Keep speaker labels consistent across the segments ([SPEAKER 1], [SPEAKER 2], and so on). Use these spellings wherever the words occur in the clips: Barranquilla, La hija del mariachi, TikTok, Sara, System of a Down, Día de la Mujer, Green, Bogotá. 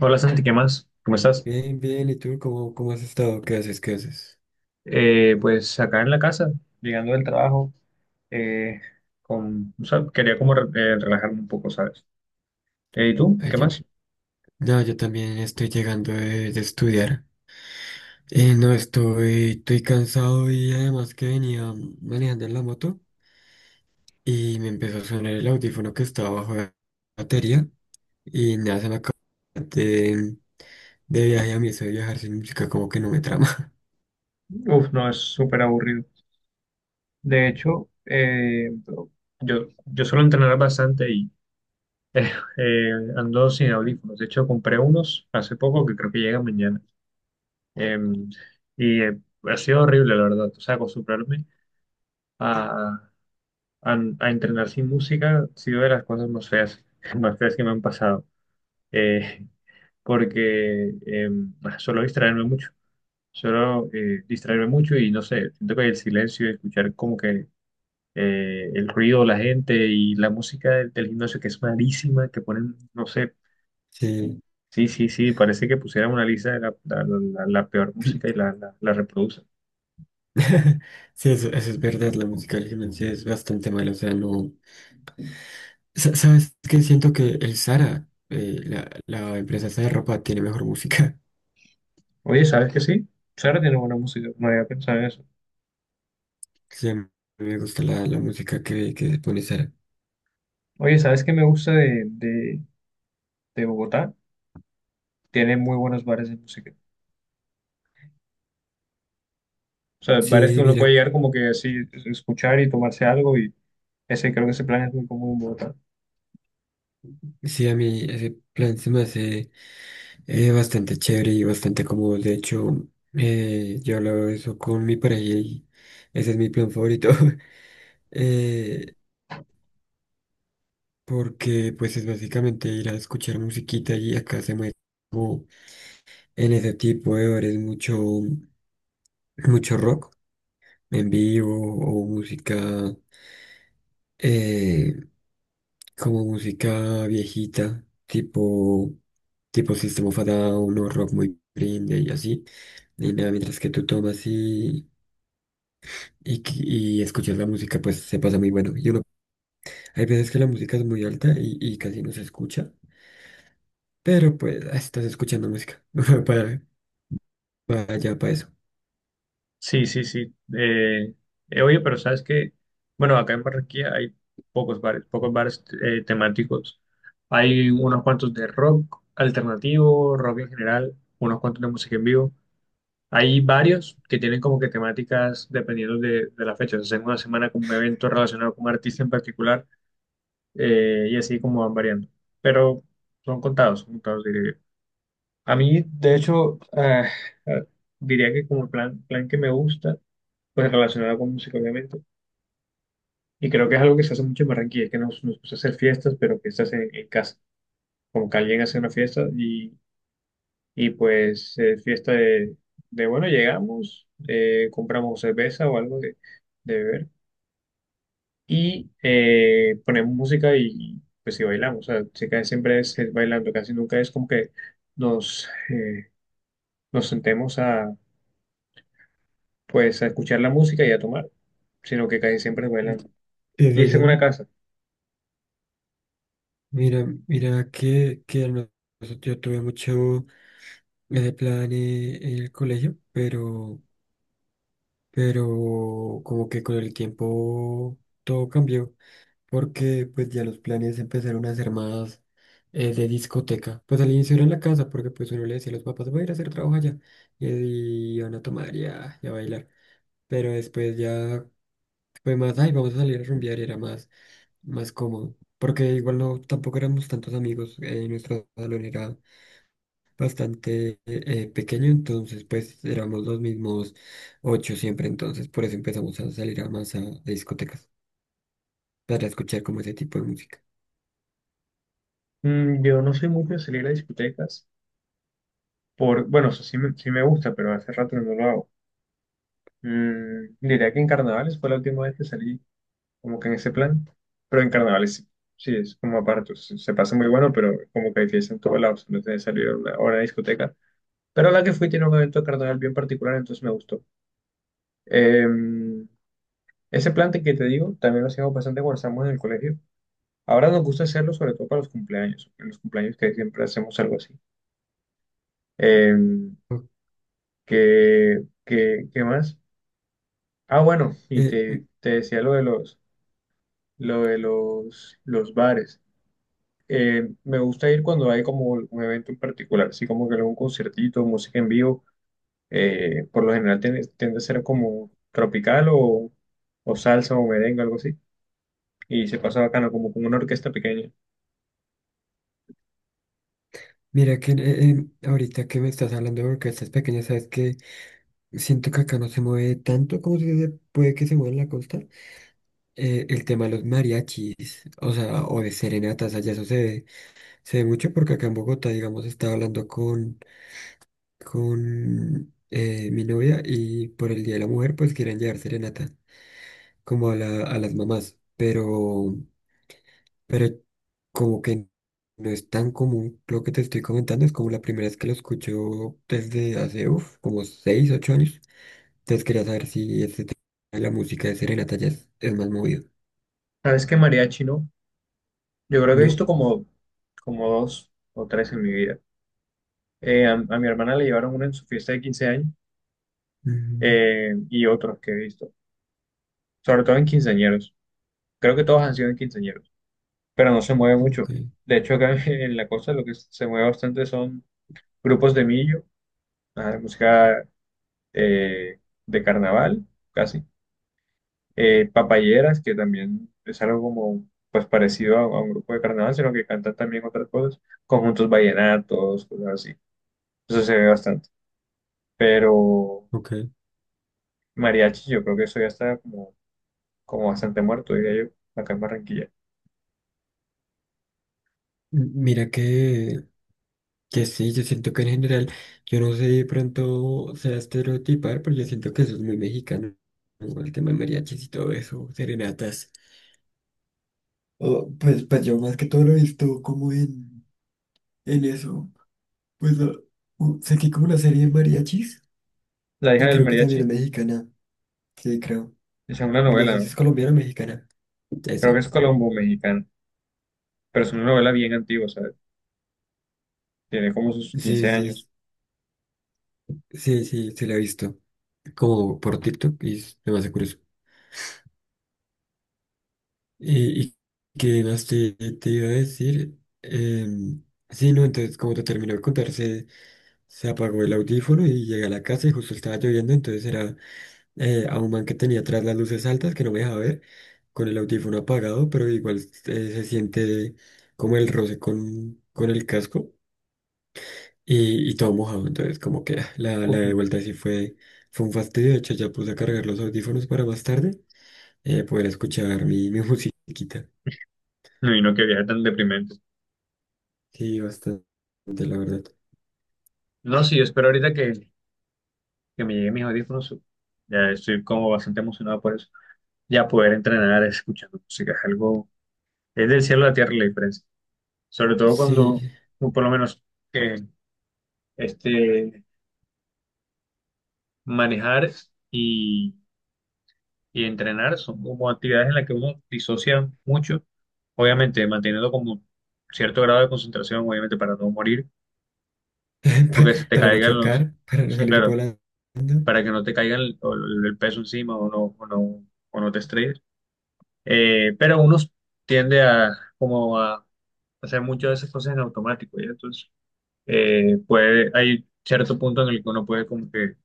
[SPEAKER 1] Hola Santi, ¿qué más? ¿Cómo estás?
[SPEAKER 2] Bien, bien, ¿y tú cómo has estado? ¿Qué haces? ¿Qué haces?
[SPEAKER 1] Pues acá en la casa, llegando del trabajo, eh, con, o sea, quería como relajarme un poco, ¿sabes? ¿Y tú?
[SPEAKER 2] Ay,
[SPEAKER 1] ¿Qué
[SPEAKER 2] yo-
[SPEAKER 1] más?
[SPEAKER 2] no, yo también estoy llegando de estudiar. No, estoy cansado y además que venía manejando en la moto y me empezó a sonar el audífono que estaba bajo la batería y nada, se me acabó de, de viaje a mí, eso de viajar sin música como que no me trama.
[SPEAKER 1] Uf, no, es súper aburrido. De hecho, yo suelo entrenar bastante y eh, eh, ando sin audífonos. De hecho, compré unos hace poco que creo que llegan mañana. Eh, y ha sido horrible, la verdad. O sea, acostumbrarme a, a entrenar sin música ha sido de las cosas más feas, más feas que me han pasado, eh, porque suelo distraerme mucho, suelo distraerme mucho y no sé, siento que el silencio, escuchar como que el ruido, la gente y la música del gimnasio que es malísima, que ponen, no sé,
[SPEAKER 2] Sí,
[SPEAKER 1] sí, sí, sí, parece que pusieran una lista de la peor música y la reproducen.
[SPEAKER 2] sí, eso es verdad, la música al gimnasio es bastante mala, o sea, no. ¿Sabes qué? Siento que el Zara, la empresa esa de ropa, tiene mejor música.
[SPEAKER 1] Oye, ¿sabes que sí? Sara tiene buena música, no había pensado en eso.
[SPEAKER 2] Sí, a mí me gusta la música que pone Zara.
[SPEAKER 1] Oye, ¿sabes qué me gusta de Bogotá? Tiene muy buenos bares de música. O sea, bares que
[SPEAKER 2] Sí,
[SPEAKER 1] uno
[SPEAKER 2] mira,
[SPEAKER 1] puede llegar como que así, escuchar y tomarse algo y ese creo que ese plan es muy común en Bogotá.
[SPEAKER 2] sí, a mí ese plan se me hace bastante chévere y bastante cómodo. De hecho, yo hablo de eso con mi pareja y ese es mi plan favorito. Eh, porque pues es básicamente ir a escuchar musiquita y acá se mueve como en ese tipo de horas mucho, mucho rock en vivo o música eh, como música viejita, tipo System of a Down o rock muy Green y así. Y nada, mientras que tú tomas y escuchas la música, pues se pasa muy bueno. Y uno, hay veces que la música es muy alta y casi no se escucha, pero pues ah, estás escuchando música para, para allá, para eso.
[SPEAKER 1] Sí, sí, sí. Oye, pero sabes que, bueno, acá en Barranquilla hay pocos bares temáticos. Hay unos cuantos de rock alternativo, rock en general, unos cuantos de música en vivo. Hay varios que tienen como que temáticas dependiendo de la fecha. O sea, hacen una semana como un evento relacionado con un artista en particular, y así como van variando. Pero son contados, diría yo. A mí, de hecho, ah, diría que como plan, plan que me gusta, pues relacionado con música, obviamente. Y creo que es algo que se hace mucho en Barranquilla, que nos gusta hacer fiestas, pero fiestas en casa. Como que alguien hace una fiesta y pues fiesta bueno, llegamos, compramos cerveza o algo de beber y ponemos música y pues sí bailamos. O sea, sí, casi siempre es bailando, casi nunca es como que nos, eh, nos sentemos pues, a escuchar la música y a tomar, sino que casi siempre es bailando.
[SPEAKER 2] ¿Y
[SPEAKER 1] Y es en
[SPEAKER 2] bailando?
[SPEAKER 1] una casa.
[SPEAKER 2] Mira, mira que yo tuve mucho ese plan en el colegio, pero como que con el tiempo todo cambió, porque pues ya los planes empezaron a ser más de discoteca. Pues al inicio era en la casa, porque pues uno le decía a los papás, voy a ir a hacer trabajo allá, y van a tomar y a bailar. Pero después ya fue más, ay, vamos a salir a rumbear, y era más, más cómodo. Porque igual no, tampoco éramos tantos amigos, en nuestro salón era bastante pequeño, entonces pues éramos los mismos ocho siempre, entonces por eso empezamos a salir a más a discotecas para escuchar como ese tipo de música.
[SPEAKER 1] Mm, yo no soy mucho de salir a discotecas, por, bueno, o sea, sí me gusta, pero hace rato no lo hago. Mm, diría que en carnavales fue la última vez que salí como que en ese plan, pero en carnavales sí. Sí, es como aparte, se pasa muy bueno, pero como que hay fiesta en todos lados, no tienes que salir a una discoteca. Pero a la que fui tiene un evento carnaval bien particular, entonces me gustó. Em, ese plante que te digo, también lo hacíamos bastante cuando estábamos en el colegio. Ahora nos gusta hacerlo sobre todo para los cumpleaños, en los cumpleaños que siempre hacemos algo así. Em, qué más? Ah, bueno, y
[SPEAKER 2] Eh,
[SPEAKER 1] te,
[SPEAKER 2] m-
[SPEAKER 1] te decía lo de los, lo de los bares. Me gusta ir cuando hay como un evento en particular, así como que algún conciertito, música en vivo, por lo general tiende a ser como tropical o salsa o merengue, algo así. Y se pasa bacano, como con una orquesta pequeña.
[SPEAKER 2] Mira que ahorita que me estás hablando de orquestas pequeñas, sabes que siento que acá no se mueve tanto como si se puede que se mueva en la costa. El tema de los mariachis, o sea, o de serenatas, allá eso se ve mucho porque acá en Bogotá, digamos, estaba hablando con mi novia y por el Día de la Mujer pues querían llevar serenata como a las mamás, pero como que no es tan común lo que te estoy comentando, es como la primera vez que lo escucho desde hace uf, como 6, 8 años, entonces quería saber si este tema de la música de serenata ya es más movido.
[SPEAKER 1] ¿Sabes qué mariachi no? Yo creo que he
[SPEAKER 2] No.
[SPEAKER 1] visto como, dos o tres en mi vida. A mi hermana le llevaron uno en su fiesta de 15 años,
[SPEAKER 2] Mm,
[SPEAKER 1] y otros que he visto, sobre todo en quinceañeros. Creo que todos han sido en quinceañeros, pero no se mueve
[SPEAKER 2] ok,
[SPEAKER 1] mucho. De hecho, acá en la costa lo que se mueve bastante son grupos de millo, ah, música eh, de carnaval, casi papayeras, que también es algo como pues parecido a un grupo de carnaval, sino que cantan también otras cosas, conjuntos vallenatos, cosas así. Eso se ve bastante. Pero
[SPEAKER 2] ok.
[SPEAKER 1] mariachi, yo creo que eso ya está como bastante muerto, diría yo, acá en Barranquilla.
[SPEAKER 2] Mira que sí, yo siento que en general, yo no sé de pronto sea estereotipar, pero yo siento que eso es muy mexicano. ¿No? El tema de mariachis y todo eso, serenatas. Oh, pues, pues yo más que todo lo he visto como en eso. Pues lo- Sé que hay como una serie de mariachis
[SPEAKER 1] La hija
[SPEAKER 2] y
[SPEAKER 1] del
[SPEAKER 2] creo que
[SPEAKER 1] mariachi
[SPEAKER 2] también es mexicana. Sí, creo.
[SPEAKER 1] es una
[SPEAKER 2] No
[SPEAKER 1] novela,
[SPEAKER 2] sé si es
[SPEAKER 1] ¿no?
[SPEAKER 2] colombiana o mexicana.
[SPEAKER 1] Creo que
[SPEAKER 2] Eso.
[SPEAKER 1] es colombo-mexicana, pero es una novela bien antigua, o sea, tiene como sus
[SPEAKER 2] Sí,
[SPEAKER 1] 15 años.
[SPEAKER 2] sí, sí, sí, se la he visto. Como por TikTok y es demasiado curioso. Y que no sé, te iba a decir, sí, no, entonces como te terminó de contar, se apagó el audífono y llegué a la casa y justo estaba lloviendo, entonces era a un man que tenía atrás las luces altas que no me dejaba ver, con el audífono apagado, pero igual se siente como el roce con el casco y todo mojado, entonces como que ah, la
[SPEAKER 1] Uf,
[SPEAKER 2] de vuelta sí fue, fue un fastidio, de hecho ya puse a cargar los audífonos para más tarde poder escuchar mi musiquita.
[SPEAKER 1] no, y no que viaje tan deprimente.
[SPEAKER 2] Sí, bastante, la verdad.
[SPEAKER 1] No, sí, yo espero ahorita que me lleguen mis audífonos. Ya estoy como bastante emocionado por eso. Ya poder entrenar escuchando música es algo, es del cielo a la tierra la diferencia. Sobre todo cuando,
[SPEAKER 2] Sí,
[SPEAKER 1] o por lo menos, eh, este, manejar y, y entrenar son como actividades en las que uno disocia mucho, obviamente manteniendo como cierto grado de concentración, obviamente para no morir, o
[SPEAKER 2] pa-
[SPEAKER 1] que se te
[SPEAKER 2] para no
[SPEAKER 1] caigan
[SPEAKER 2] chocar,
[SPEAKER 1] los,
[SPEAKER 2] para no
[SPEAKER 1] sí,
[SPEAKER 2] salir
[SPEAKER 1] claro,
[SPEAKER 2] volando.
[SPEAKER 1] para que no te caigan el peso encima o no te estrelles. Pero uno tiende a como a hacer muchas de esas cosas en automático, ¿ya? Entonces, puede, hay cierto punto en el que uno puede como que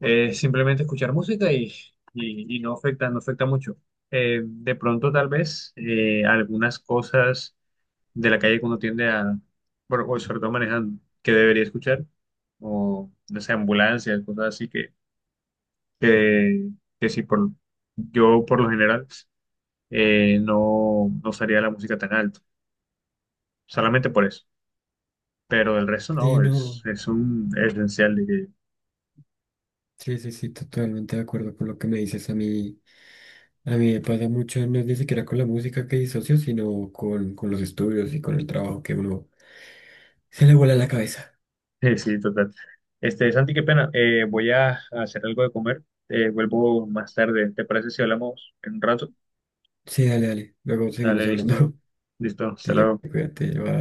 [SPEAKER 1] simplemente escuchar música y no afecta, no afecta mucho. De pronto, tal vez, algunas cosas de la calle que uno tiende a, bueno, o sobre todo manejando, que debería escuchar, o no sé, ambulancias, cosas así que, que sí, por, yo por lo general no usaría la música tan alto, solamente por eso. Pero el resto
[SPEAKER 2] Sí,
[SPEAKER 1] no, es,
[SPEAKER 2] no.
[SPEAKER 1] es un esencial, diría yo.
[SPEAKER 2] Sí, sí, sí, totalmente de acuerdo con lo que me dices. A mí me pasa mucho, no es ni siquiera con la música que disocio, sino con los estudios y con el trabajo que uno se le vuela la cabeza.
[SPEAKER 1] Sí, total. Este, Santi, qué pena, voy a hacer algo de comer, vuelvo más tarde, ¿te parece si hablamos en un rato?
[SPEAKER 2] Sí, dale, dale. Luego seguimos
[SPEAKER 1] Dale,
[SPEAKER 2] hablando.
[SPEAKER 1] listo, listo, hasta
[SPEAKER 2] Dale,
[SPEAKER 1] luego.
[SPEAKER 2] cuídate, bye.